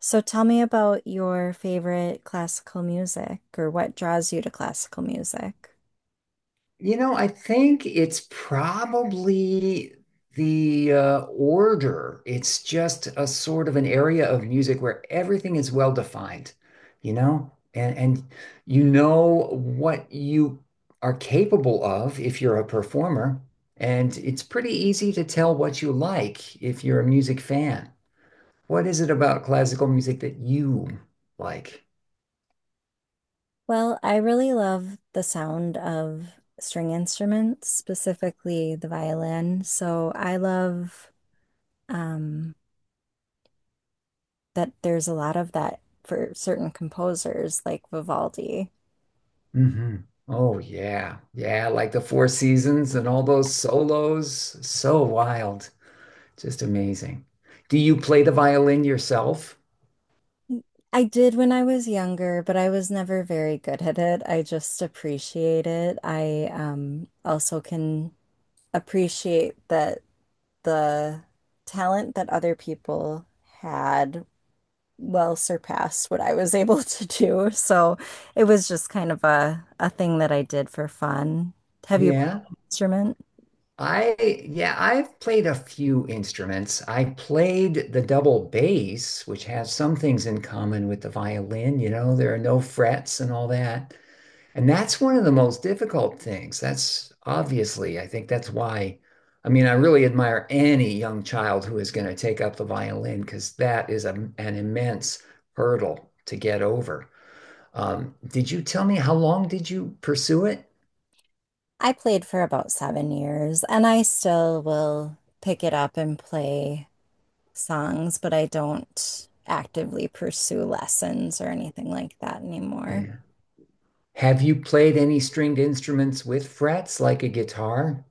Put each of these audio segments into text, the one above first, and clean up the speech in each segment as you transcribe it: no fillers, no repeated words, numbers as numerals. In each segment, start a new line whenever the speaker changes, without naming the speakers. So tell me about your favorite classical music or what draws you to classical music.
You know, I think it's probably the order. It's just a sort of an area of music where everything is well defined, you know, and you know what you are capable of if you're a performer, and it's pretty easy to tell what you like if you're a music fan. What is it about classical music that you like?
Well, I really love the sound of string instruments, specifically the violin. So I love um, that there's a lot of that for certain composers like Vivaldi.
Hmm. Oh yeah. Yeah, like the Four Seasons and all those solos. So wild. Just amazing. Do you play the violin yourself?
I did when I was younger, but I was never very good at it. I just appreciate it. I also can appreciate that. The talent that other people had well surpassed what I was able to do. So it was just kind of a thing that I did for fun. Have you
Yeah.
played an instrument?
I yeah, I've played a few instruments. I played the double bass, which has some things in common with the violin, you know, there are no frets and all that. And that's one of the most difficult things. That's obviously, I think that's why, I mean, I really admire any young child who is going to take up the violin because that is an immense hurdle to get over. Did you tell me How long did you pursue it?
I played for about 7 years and I still will pick it up and play songs, but I don't actively pursue lessons or anything like that anymore.
Yeah. Have you played any stringed instruments with frets like a guitar?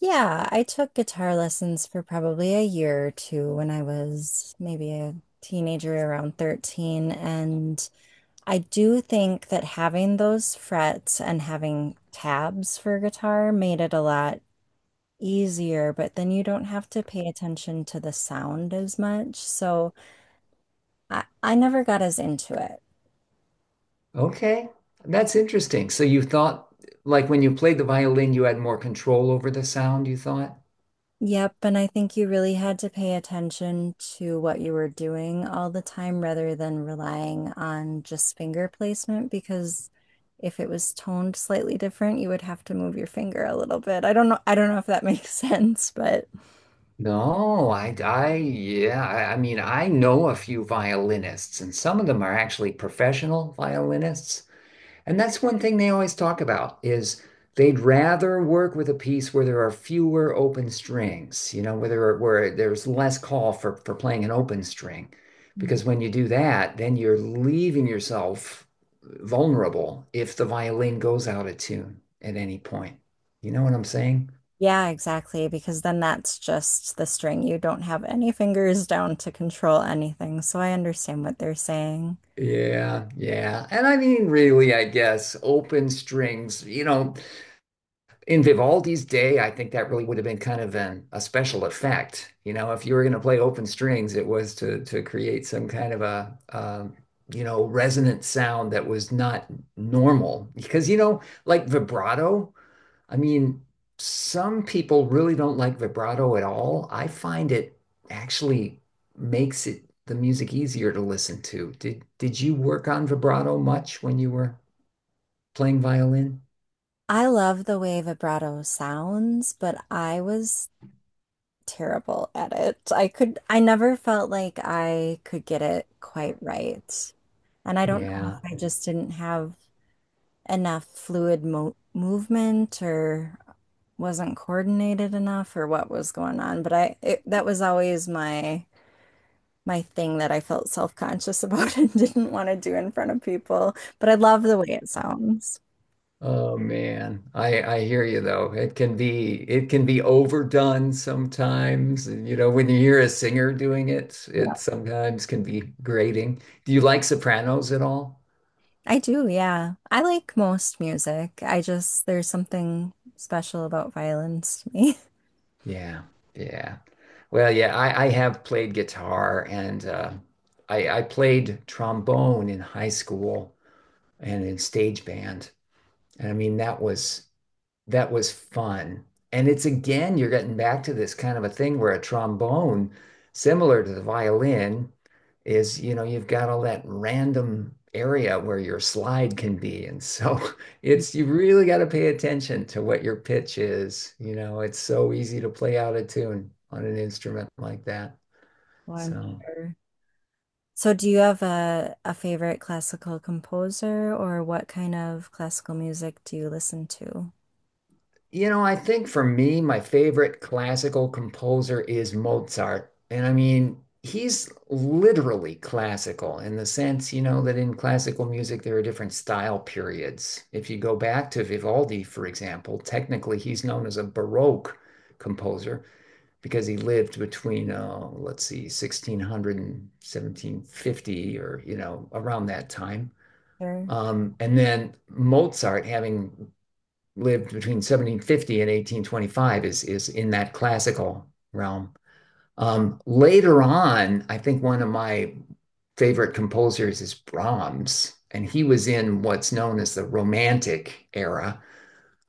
Yeah, I took guitar lessons for probably a year or two when I was maybe a teenager around 13. And I do think that having those frets and having tabs for guitar made it a lot easier, but then you don't have to pay attention to the sound as much. So I never got as into it.
Okay, that's interesting. So you thought, like when you played the violin, you had more control over the sound, you thought?
Yep, and I think you really had to pay attention to what you were doing all the time rather than relying on just finger placement because if it was toned slightly different, you would have to move your finger a little bit. I don't know if that makes sense, but
No, yeah, I mean, I know a few violinists, and some of them are actually professional violinists. And that's one thing they always talk about is they'd rather work with a piece where there are fewer open strings, you know, where there's less call for playing an open string, because when you do that, then you're leaving yourself vulnerable if the violin goes out of tune at any point. You know what I'm saying?
yeah, exactly, because then that's just the string. You don't have any fingers down to control anything, so I understand what they're saying.
Yeah, yeah. And I mean, really, I guess open strings, you know, in Vivaldi's day, I think that really would have been kind of a special effect. You know, if you were going to play open strings, it was to create some kind of a you know, resonant sound that was not normal. Because, you know, like vibrato, I mean, some people really don't like vibrato at all. I find it actually makes it the music easier to listen to. Did you work on vibrato much when you were playing violin?
I love the way vibrato sounds, but I was terrible at it. I never felt like I could get it quite right. And I don't know
Yeah.
if I just didn't have enough fluid mo movement or wasn't coordinated enough or what was going on, but that was always my my thing that I felt self-conscious about and didn't want to do in front of people, but I love the way it sounds.
Oh man. I hear you though. It can be overdone sometimes. And, you know, when you hear a singer doing it,
Yeah.
it sometimes can be grating. Do you like sopranos at all?
I do, yeah. I like most music. I just there's something special about violins to me.
Yeah, yeah. Well, yeah, I have played guitar and I played trombone in high school and in stage band. And I mean, that was fun. And it's again, you're getting back to this kind of a thing where a trombone, similar to the violin, is, you know, you've got all that random area where your slide can be. And so it's, you really got to pay attention to what your pitch is. You know, it's so easy to play out of tune on an instrument like that.
Well, I'm
So
sure. So do you have a favorite classical composer or what kind of classical music do you listen to?
you know, I think for me, my favorite classical composer is Mozart. And I mean, he's literally classical in the sense, you know, that in classical music, there are different style periods. If you go back to Vivaldi, for example, technically he's known as a Baroque composer because he lived between, let's see, 1600 and 1750, or, you know, around that time.
Sure.
And then Mozart, having lived between 1750 and 1825 is in that classical realm. Later on, I think one of my favorite composers is Brahms, and he was in what's known as the Romantic era.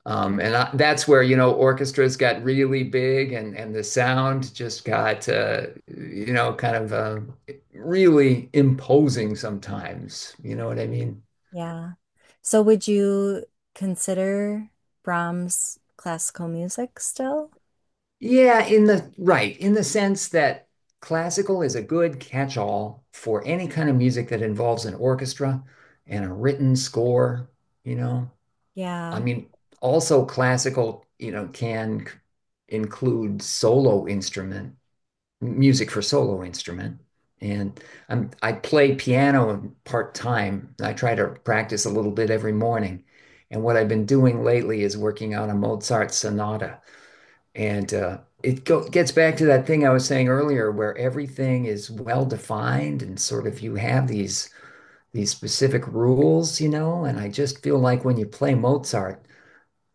That's where you know orchestras got really big, and the sound just got you know, kind of really imposing sometimes. You know what I mean?
Yeah. So would you consider Brahms classical music still?
Yeah, in the right, in the sense that classical is a good catch-all for any kind of music that involves an orchestra and a written score, you know. I
Yeah.
mean, also classical, you know, include solo instrument, music for solo instrument. And I play piano part-time. I try to practice a little bit every morning. And what I've been doing lately is working on a Mozart sonata. And it go gets back to that thing I was saying earlier, where everything is well defined and sort of you have these specific rules, you know. And I just feel like when you play Mozart,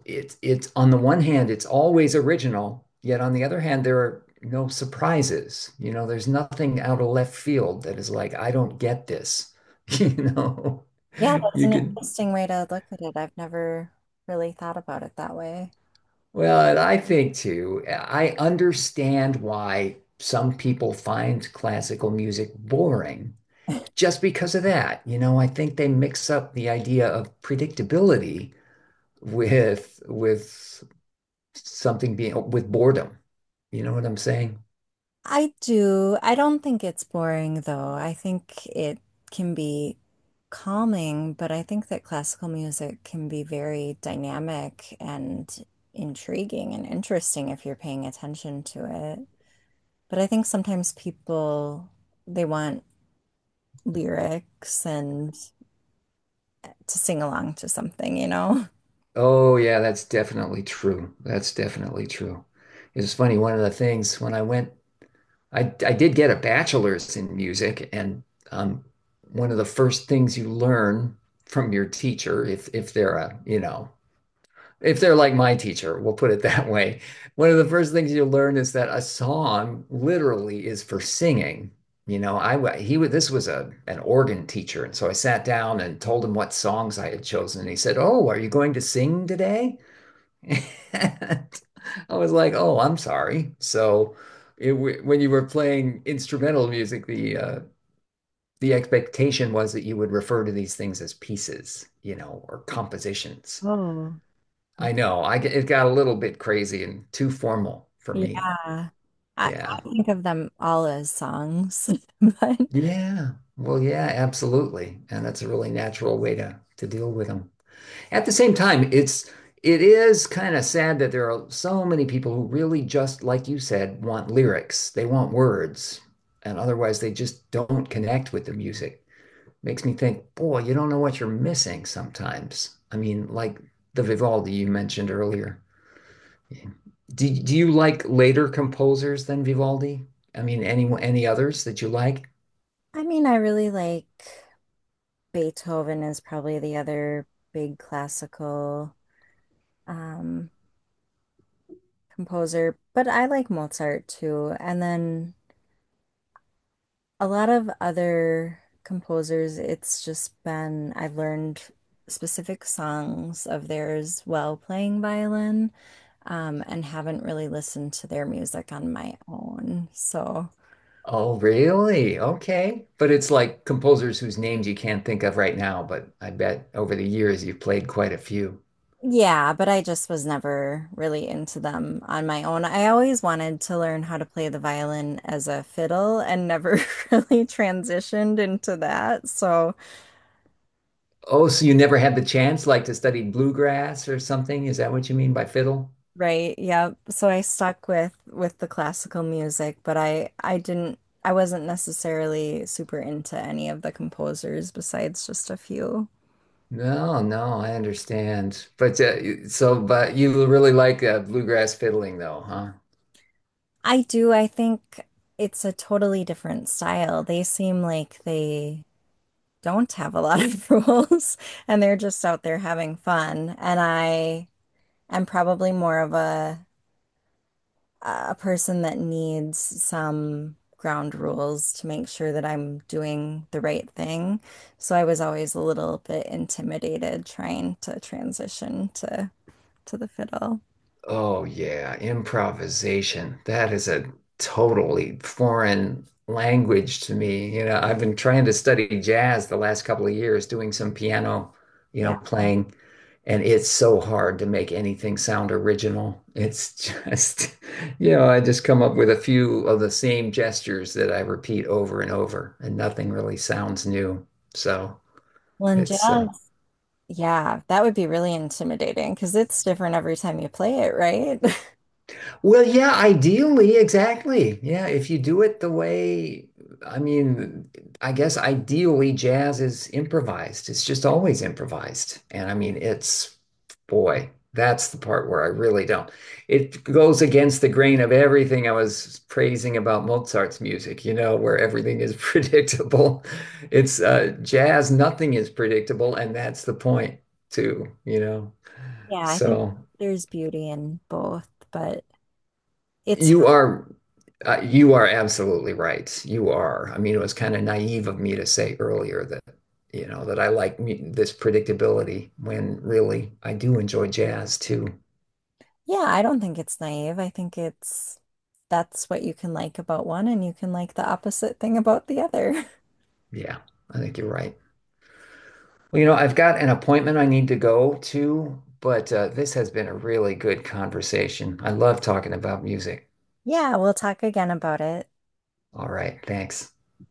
it's on the one hand, it's always original, yet on the other hand, there are no surprises. You know, there's nothing out of left field that is like, I don't get this,
Yeah.
you know.
Yeah, that's
You
an
can
interesting way to look at it. I've never really thought about it that way.
well, and I think too, I understand why some people find classical music boring just because of that. You know, I think they mix up the idea of predictability with something being with boredom. You know what I'm saying?
I do. I don't think it's boring though. I think it can be calming, but I think that classical music can be very dynamic and intriguing and interesting if you're paying attention to it. But I think sometimes people they want lyrics and to sing along to something, you know?
Oh yeah, that's definitely true. That's definitely true. It's funny, one of the things when I did get a bachelor's in music, and um, one of the first things you learn from your teacher, if they're a, you know, if they're like my teacher, we'll put it that way. One of the first things you learn is that a song literally is for singing. You know, I he was this was a an organ teacher, and so I sat down and told him what songs I had chosen, and he said, "Oh, are you going to sing today?" And I was like, oh, I'm sorry. So when you were playing instrumental music, the expectation was that you would refer to these things as pieces, you know, or compositions.
Oh,
I
okay.
know, I g- It got a little bit crazy and too formal for me.
Yeah. I, I
Yeah.
think of them all as songs, but
Yeah. Well, yeah, absolutely. And that's a really natural way to deal with them. At the same time, it is kind of sad that there are so many people who really just, like you said, want lyrics. They want words, and otherwise they just don't connect with the music. Makes me think, boy, you don't know what you're missing sometimes. I mean, like the Vivaldi you mentioned earlier. Do you like later composers than Vivaldi? I mean, any others that you like?
I mean, I really like. Beethoven is probably the other big classical um, composer, but I like Mozart too. And then a lot of other composers, it's just been, I've learned specific songs of theirs while playing violin, and haven't really listened to their music on my own. So.
Oh, really? Okay. But it's like composers whose names you can't think of right now, but I bet over the years you've played quite a few.
Yeah, but I just was never really into them on my own. I always wanted to learn how to play the violin as a fiddle and never really transitioned into that. So,
Oh, so you never had the chance like to study bluegrass or something? Is that what you mean by fiddle?
right, yeah. So I stuck with the classical music, but I didn't I wasn't necessarily super into any of the composers besides just a few.
No, no, I understand. But but you really like bluegrass fiddling though, huh?
I do, I think it's a totally different style. They seem like they don't have a lot of rules and they're just out there having fun. And I am probably more of a person that needs some ground rules to make sure that I'm doing the right thing. So I was always a little bit intimidated trying to transition to the fiddle.
Oh, yeah, improvisation. That is a totally foreign language to me. You know, I've been trying to study jazz the last couple of years, doing some piano, you
Yeah.
know, playing, and it's so hard to make anything sound original. It's just, you know, I just come up with a few of the same gestures that I repeat over and over, and nothing really sounds new. So
Well, and jazz,
it's
yeah, that would be really intimidating because it's different every time you play it, right?
well, yeah, ideally, exactly. Yeah, if you do it the way, I mean, I guess ideally jazz is improvised. It's just always improvised. And I mean, it's, boy, that's the part where I really don't. It goes against the grain of everything I was praising about Mozart's music, you know, where everything is predictable. It's Jazz, nothing is predictable, and that's the point too, you know.
Yeah, I think
So.
there's beauty in both, but it's
You are you are absolutely right. You are. I mean, it was kind of naive of me to say earlier that, you know, that I like this predictability when really I do enjoy jazz too.
yeah, I don't think it's naive. I think it's that's what you can like about one and you can like the opposite thing about the other.
Yeah, I think you're right. Well, you know, I've got an appointment I need to go to, but this has been a really good conversation. I love talking about music.
Yeah, we'll talk again about it.
All right, thanks.